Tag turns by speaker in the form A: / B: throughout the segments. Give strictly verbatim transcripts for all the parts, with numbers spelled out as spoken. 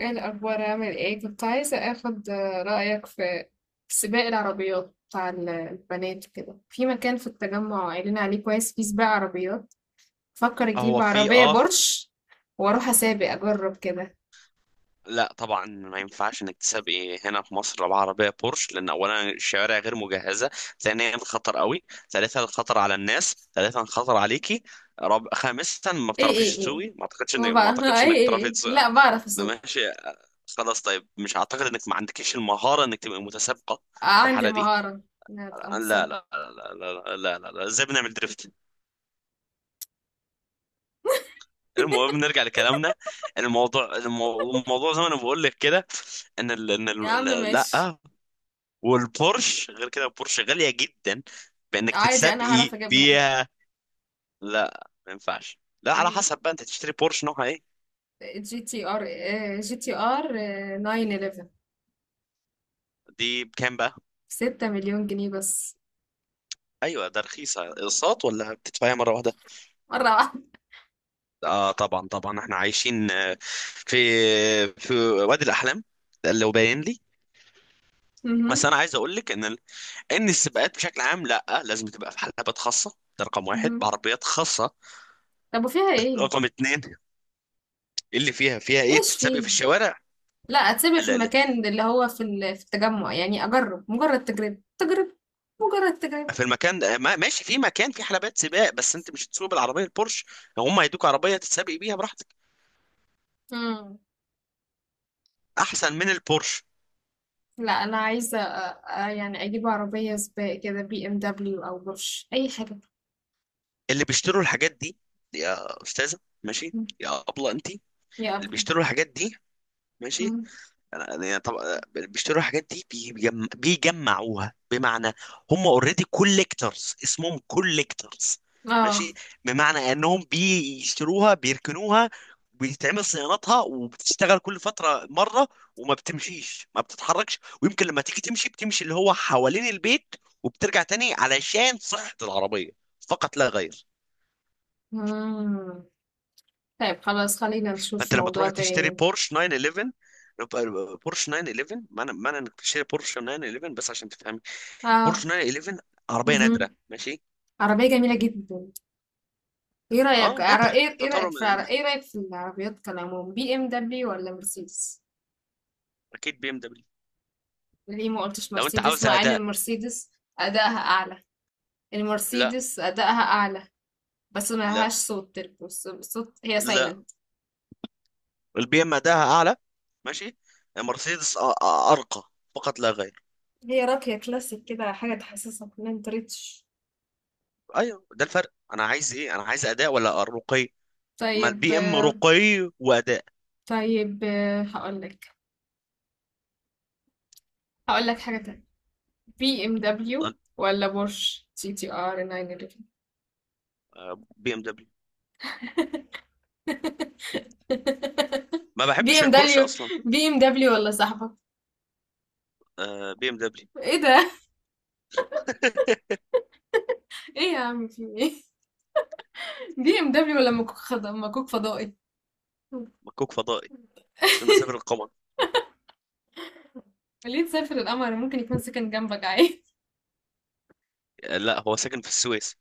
A: ايه الاخبار؟ عامل ايه؟ كنت عايزه اخد رايك في سباق العربيات بتاع ال- البنات كده في مكان في التجمع، قايلين عليه كويس، فيه سباق عربيات. فكر
B: هو
A: اجيب
B: في
A: عربيه
B: اه ف-
A: بورش واروح اسابق، اجرب كده.
B: لا طبعا ما ينفعش انك تسابقي هنا في مصر بعربيه بورش، لان اولا الشوارع غير مجهزه، ثانيا الخطر قوي، ثالثا الخطر على الناس، ثالثا الخطر عليكي، رب... خامسا ما
A: ايه ايه
B: بتعرفيش
A: ايه،
B: تسوقي. ما اعتقدش انك
A: هو
B: ما
A: بقى
B: اعتقدش
A: ايه
B: انك
A: ايه
B: بتعرفي
A: ايه،
B: تسوقي.
A: لا بعرف
B: ده
A: اسوق.
B: ماشي. خلاص طيب، مش اعتقد انك ما عندكيش المهاره انك تبقى متسابقه في
A: عندي
B: الحاله دي.
A: المهاره انها تبقى
B: لا لا لا
A: متسابقه.
B: لا لا لا لا, لا. ازاي بنعمل دريفت؟ المهم نرجع لكلامنا. الموضوع المو- الموضوع زي ما انا بقول لك كده، ان ال... ان
A: يا عم
B: ال... ال-
A: ماشي.
B: لا. والبورش غير كده، البورش غاليه جدا بانك
A: عادي، انا هعرف
B: تتسابقي
A: اجيبها.
B: بيها. لا ما ينفعش، لا على حسب بقى انت تشتري بورش نوعها ايه.
A: جي تي ار آه، جي تي ار تسعة واحد واحد.
B: دي بكام بقى؟
A: ستة مليون جنيه بس.
B: ايوه ده رخيصه. اقساط ولا بتدفعيها مره واحده؟
A: مرة واحدة.
B: اه طبعا طبعا، احنا عايشين آه، في في وادي الاحلام، ده اللي هو باين لي.
A: اهم،
B: بس انا عايز اقول لك ان ال- ان السباقات بشكل عام لا، لازم تبقى في حلبات خاصه، ده رقم واحد،
A: اهم.
B: بعربيات خاصه.
A: طب وفيها إيه؟
B: رقم اتنين، اللي فيها فيها ايه
A: إيش
B: تتسابق في
A: فيه؟
B: الشوارع؟
A: لأ أتسيبها في
B: لا لا،
A: المكان اللي هو في ال في التجمُّع، يعني أجرّب، مجرّد تجربة، تجربة، مجرّد تجربة.
B: في المكان ده ما- ماشي في مكان في حلبات سباق، بس انت مش هتسوق بالعربيه البورش، هم هيدوك عربيه تتسابق بيها براحتك
A: إمم.
B: احسن من البورش.
A: لأ أنا عايزة أ أ يعني أجيب عربية سباق كده، بي ام دبليو أو Porsche، أي حاجة.
B: اللي بيشتروا الحاجات دي، يا استاذه ماشي
A: إمم.
B: يا ابله انت،
A: يا
B: اللي
A: أفضل.
B: بيشتروا الحاجات دي ماشي.
A: إمم.
B: أنا- يعني طب بيشتروا الحاجات دي بيجم... بيجمعوها، بمعنى هم اوريدي كوليكتورز، اسمهم كوليكتورز
A: آه.
B: ماشي، بمعنى انهم بيشتروها بيركنوها، بيتعمل صيانتها وبتشتغل كل فترة مرة، وما بتمشيش ما بتتحركش، ويمكن لما تيجي تمشي بتمشي اللي هو حوالين البيت وبترجع تاني علشان صحة العربية فقط لا غير.
A: إمم. طيب خلاص، خلّينا
B: فانت
A: نشوف
B: لما
A: موضوع
B: تروح تشتري
A: تاني.
B: بورش تسعة واحد واحد، بورش تسعة واحد واحد، معنى معنى انك تشتري بورش تسعة واحد واحد بس عشان تفهم.
A: آه.
B: بورش تسعمية وحداشر عربيه نادره
A: اهم.
B: ماشي.
A: عربية جميلة جدًا. إيه
B: اه
A: رأيك عر
B: نادره
A: إيه إيه
B: تعتبر
A: رأيك في عر
B: م- م-
A: إيه رأيك في العربيات كالعموم، بي ام دبليو والّا Mercedes؟
B: اكيد بي ام دبليو
A: ليه ما قلتش
B: لو انت
A: مرسيدس،
B: عاوز
A: مع ان
B: اداء.
A: المرسيدس ادائها اعلى؟
B: لا
A: المرسيدس ادائها اعلى، بس ما
B: لا
A: لهاش صوت، بس- صوت، هي
B: لا،
A: سايلنت.
B: البي ام اداها اعلى ماشي. مرسيدس أ- أ- ارقى فقط لا غير.
A: هي راقية كلاسيك كده، حاجة تحسسك ان انت ريتش.
B: ايوه ده الفرق، انا عايز ايه، انا عايز اداء ولا رقي؟ ما
A: طيب
B: البي ام
A: آه،
B: رقي واداء.
A: طيب آه، هقولك هقولك حاجة تانية. بي ام
B: طب،
A: دبليو ولا بورش سي تي ار تسعة واحد واحد؟
B: آه، بي ام دبليو. ما
A: بي
B: بحبش
A: ام
B: البورشه
A: دبليو.
B: اصلا.
A: بي ام دبليو ولا صاحبك؟
B: آه، بي ام دبليو.
A: ايه ده؟ ايه يا عم؟ في ايه؟ بي ام دبليو ولا مكوك خض- مكوك فضائي؟
B: مكوك فضائي عشان اسافر القمر.
A: ليه تسافر القمر؟ ممكن يكون سكن جنبك عادي.
B: آه، لا هو ساكن في السويس.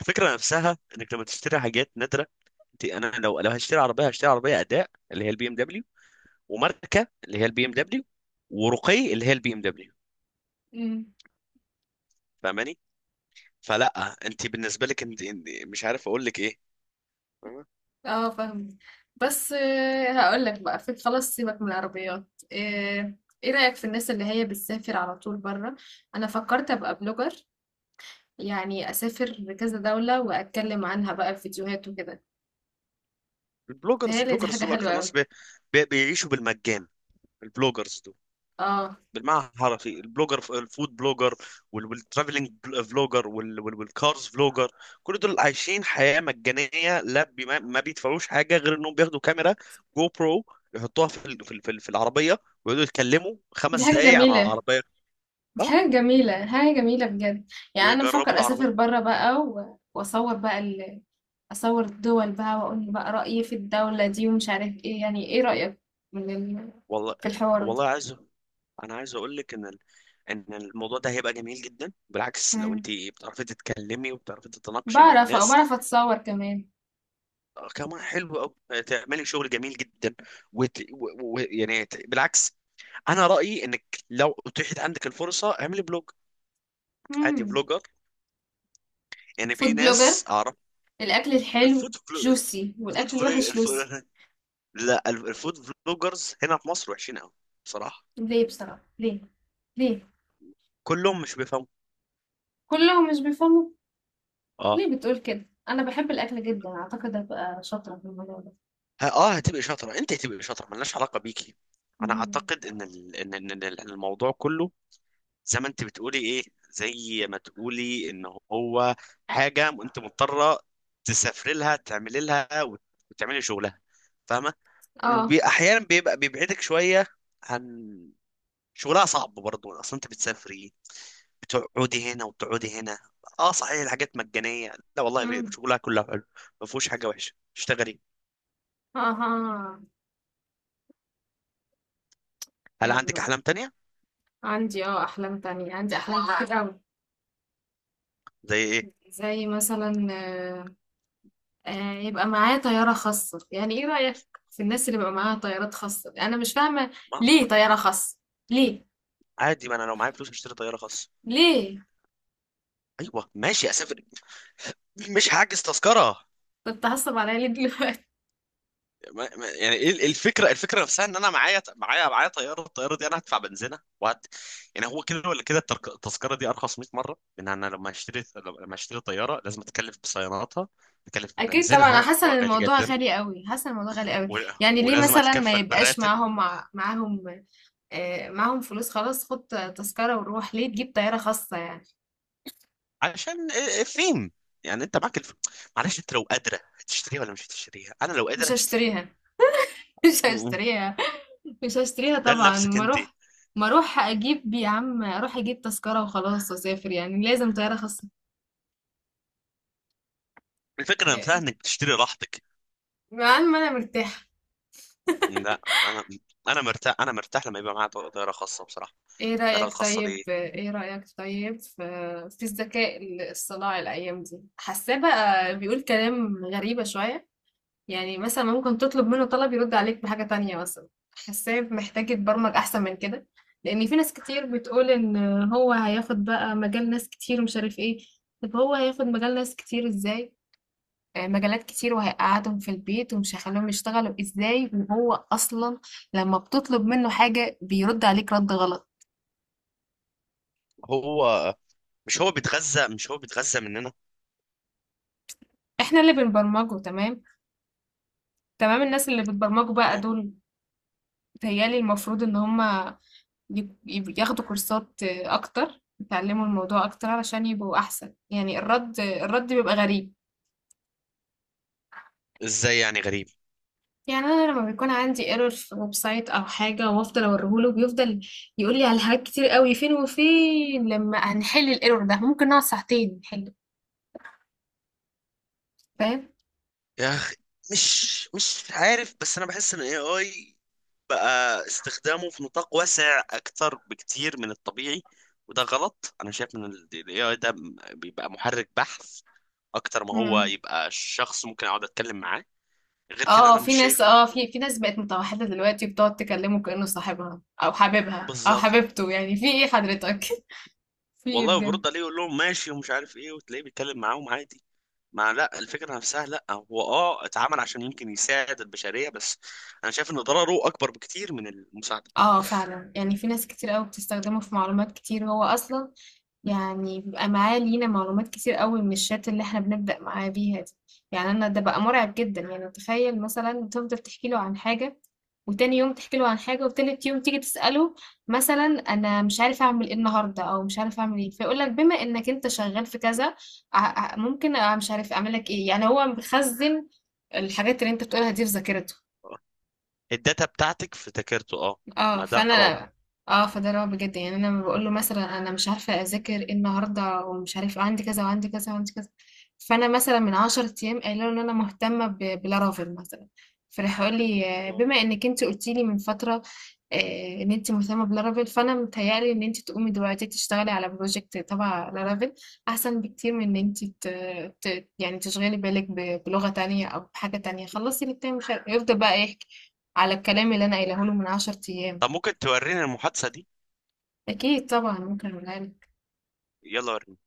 B: الفكره نفسها انك لما تشتري حاجات نادره، انت انا لو لو هشتري عربيه هشتري عربيه اداء اللي هي البي ام دبليو، وماركه اللي هي البي ام دبليو، ورقي اللي هي البي ام دبليو.
A: أمم.
B: فاهماني؟ فلا، انت بالنسبه لك انت انت- مش عارف اقول لك ايه. فاهمة؟
A: اه، فاهم. بس آه، هقول لك بقى، في خلاص، سيبك من العربيات. ايه؟ إيه رأيك في الناس اللي هي بتسافر على طول بره؟ انا فكرت ابقى بلوجر، يعني اسافر لكذا دولة واتكلم عنها بقى في فيديوهات وكده.
B: البلوجرز،
A: تهيألي دي
B: البلوجرز
A: حاجة
B: دول
A: حلوة
B: اكتر ناس
A: قوي.
B: بي بي بيعيشوا بالمجان، البلوجرز
A: اه.
B: بالمعنى الحرفي. البلوجر الفود بلوجر وال- والترافلينج بل- فلوجر وال- وال- والكارز فلوجر، كل دول عايشين حياة مجانية لا بي- ما ما بيدفعوش حاجة غير انهم بياخدوا كاميرا جو برو، يحطوها في ال- في ال- في ال- في العربية، ويقعدوا يتكلموا
A: دي
B: خمس
A: حاجة
B: دقايق عن
A: جميلة،
B: العربية. اه
A: حاجة جميلة حاجة جميلة بجد. يعني أنا
B: ويجربوا
A: بفكر
B: العربية.
A: أسافر برا بقى، و- وأصور بقى ال... أصور الدول بقى وأقول بقى رأيي في الدولة دي، ومش عارف إيه. يعني إيه رأيك من ال...
B: والله،
A: في الحوار
B: والله
A: ده؟
B: عايز، انا عايز اقول لك ان ال- ان الموضوع ده هيبقى جميل جدا بالعكس، لو انت
A: مم.
B: بتعرفي تتكلمي وبتعرفي تتناقشي مع
A: بعرف
B: الناس.
A: بعرف أتصور كمان.
B: آه، كمان حلو قوي، تعملي شغل جميل جدا وت... و... و... يعني ت- بالعكس، انا رايي انك لو اتيحت عندك الفرصه اعملي بلوج عادي،
A: مم.
B: فلوجر. يعني في
A: فود بلوجر.
B: ناس اعرف
A: الأكل الحلو
B: الفود فلو...
A: جوسي
B: الفود
A: والأكل
B: فلو...
A: الوحش لوسي.
B: الف... لا ال- الفود فلوجرز هنا في مصر وحشين قوي بصراحه.
A: ليه بصراحة؟ ليه؟ ليه؟
B: كلهم مش بيفهموا.
A: كلهم مش بيفهموا.
B: اه
A: ليه بتقول كده؟ أنا بحب الأكل جدا، أعتقد هبقى شاطرة في الموضوع ده.
B: ه- اه هتبقى شاطره، انت هتبقى شاطره، ملناش علاقه بيكي. انا
A: مم.
B: اعتقد ان ال... ان إن- إن الموضوع كله زي ما انت بتقولي ايه، زي ما تقولي ان هو حاجه انت مضطره تسافري لها تعملي لها وت- وتعملي شغلها، فاهمه؟
A: اه.
B: واحيانا بيبقى بيبعدك شويه عن شغلها، صعب برضه اصلا انت بتسافري، بتقعدي هنا وبتقعدي هنا. اه صحيح الحاجات مجانيه، لا والله بي-
A: مم.
B: شغلها كله حلو، ما فيهوش حاجه وحشه، اشتغلي.
A: أها.
B: هل عندك
A: يلا،
B: احلام تانية؟
A: عندي اه أحلام تانية، عندي أحلام والله كتير أوي.
B: زي ايه؟
A: زي مثلا آه، آه، يبقى معايا طيارة خاصة، يعني ايه رأيك في الناس اللي بيبقى معاها طيارات خاصة؟ أنا مش فاهمة
B: ما
A: ليه طيارة خاصة؟ ليه؟
B: عادي، ما انا لو معايا فلوس اشتري طياره خاصه.
A: ليه
B: ايوه ماشي اسافر، مش هحجز تذكره.
A: كنت هصب عليا ليه دلوقتي؟
B: ما ما- يعني ايه ال- الفكره، الفكره نفسها ان انا معايا معايا معايا طياره، الطياره دي انا هدفع بنزينه وهت، يعني هو كده ولا كده الترك- التذكره دي ارخص مية مره، لان انا لما اشتري لما اشتري طياره لازم اتكلف بصياناتها، اتكلف
A: أكيد طبعا أنا
B: ببنزينها اللي
A: حاسة إن
B: هو غالي
A: الموضوع
B: جدا،
A: غالي أوي، حاسة إن الموضوع غالي أوي.
B: و...
A: يعني ليه
B: ولازم
A: مثلا ما
B: اتكفل
A: يبقاش
B: بالراتب.
A: معاهم، مع- معاهم؟ آه، معاهم فلوس خلاص، خد تذكرة وروح، ليه تجيب طيارة خاصة يعني؟
B: عشان إيه- إيه فين، يعني انت معاك الف... معلش انت لو قادره هتشتريها ولا مش هتشتريها، انا لو
A: مش
B: قادر هشتريها.
A: هشتريها. مش
B: م- م.
A: هشتريها. مش هشتريها
B: ده
A: طبعا.
B: لنفسك
A: ما
B: انت،
A: اروح ما اروح اجيب، يا عم اروح اجيب تذكرة وخلاص واسافر، يعني لازم طيارة خاصة؟
B: الفكره نفسها
A: لا.
B: انك بتشتري راحتك.
A: مع ان ما انا مرتاحة.
B: لا انا انا مرتاح، انا مرتاح لما يبقى معايا طا- طياره خاصه بصراحه،
A: ايه
B: الطياره
A: رأيك
B: الخاصه
A: طيب
B: دي.
A: ايه رأيك طيب في في الذكاء الصناعي الايام دي، حاساه بقى بيقول كلام غريبة شوية. يعني مثلا ممكن تطلب منه طلب يرد عليك بحاجة تانية مثلا. حاساه محتاج يتبرمج احسن من كده، لان في ناس كتير بتقول ان هو هياخد بقى مجال ناس كتير، ومش عارف ايه. طب هو هياخد مجال ناس كتير ازاي؟ مجالات كتير وهيقعدهم في البيت، ومش هيخليهم يشتغلوا ازاي، وهو اصلا لما بتطلب منه حاجة بيرد عليك رد غلط.
B: هو مش هو بيتغذى مش هو بيتغذى مننا.
A: احنا اللي بنبرمجه، تمام، تمام الناس اللي بتبرمجوا بقى
B: أه.
A: دول، بيتهيألي المفروض ان هما ي- ي- ياخدوا كورسات اكتر، يتعلموا الموضوع اكتر علشان يبقوا احسن. يعني الرد الرد بيبقى غريب.
B: ازاي يعني غريب؟
A: يعني انا لما بيكون عندي ايرور في ويب سايت او حاجه وافضل اوريهوله، بيفضل يقول لي على حاجات كتير قوي، فين وفين لما هنحل الايرور ده، ممكن نقعد ساعتين نحله. فاهم؟
B: يا اخي مش مش عارف، بس انا بحس ان الاي اي بقى استخدامه في نطاق واسع اكتر بكتير من الطبيعي، وده غلط. انا شايف ان الاي اي ده بيبقى محرك بحث اكتر ما هو
A: مم.
B: يبقى شخص ممكن اقعد اتكلم معاه. غير كده
A: اه،
B: انا
A: في
B: مش
A: ناس،
B: شايف انه،
A: اه في في ناس بقت متوحده دلوقتي، بتقعد تكلمه كانه صاحبها او حبيبها او
B: بالظبط.
A: حبيبته، يعني في ايه حضرتك؟ في ايه
B: والله،
A: بجد؟
B: وبيرد عليه يقول لهم ماشي ومش عارف ايه، وتلاقيه بيتكلم معاهم عادي. مع لا الفكرة نفسها، لا هو اه اتعمل عشان يمكن يساعد البشرية، بس انا شايف ان ضرره اكبر بكتير من المساعدة.
A: آه فعلًا، يعني في ناس كتير أوي بتستخدمه في معلومات كتير، هو أصلًا يعني بيبقى معاه لينا معلومات كتير أوي من الchat اللي إحنا بنبدأ معاه بيها دي، يعني أنا ده بقى مرعب جدًا، يعني تخيل مثلًا تفضل تحكي له عن حاجة، وتاني يوم تحكي له عن حاجة، وتالت يوم تيجي تسأله مثلًا أنا مش عارف أعمل إيه النهارده، أو مش عارف أعمل إيه، فيقول لك بما إنك أنت شغال في كذا، ع ع ممكن أ- مش عارف أعمل لك إيه، يعني هو مخزن الحاجات اللي أنت بتقولها دي في ذاكرته.
B: آه. الداتا بتاعتك افتكرته اه.
A: اه،
B: ما ده
A: فانا.
B: رعب.
A: اه فده اللي هو بجد، يعني انا لما بقول له مثلا انا مش عارفه اذاكر ايه النهارده ومش عارفه عندي كذا وعندي كذا وعندي كذا، فانا مثلا من عشر ايام قايله له ان انا مهتمه ب- بلارافيل مثلا، فراح يقول لي آه،
B: آه.
A: بما انك انت قلتي لي من فتره آه، ان انت مهتمه بلارافيل، فانا متهيألي ان انت تقومي دلوقتي تشتغلي على بروجكت تبع لارافيل احسن بكتير من ان انت ت... ت... يعني تشغلي بالك ب... بلغه تانية او بحاجه تانية، خلصي الاتنين. مش عارفة- يفضل بقى يحكي على الكلام اللي انا قايله له من عشر ايام.
B: طب ممكن توريني المحادثة دي؟
A: أكيد طبعا ممكن أقولها لك.
B: يلا وريني.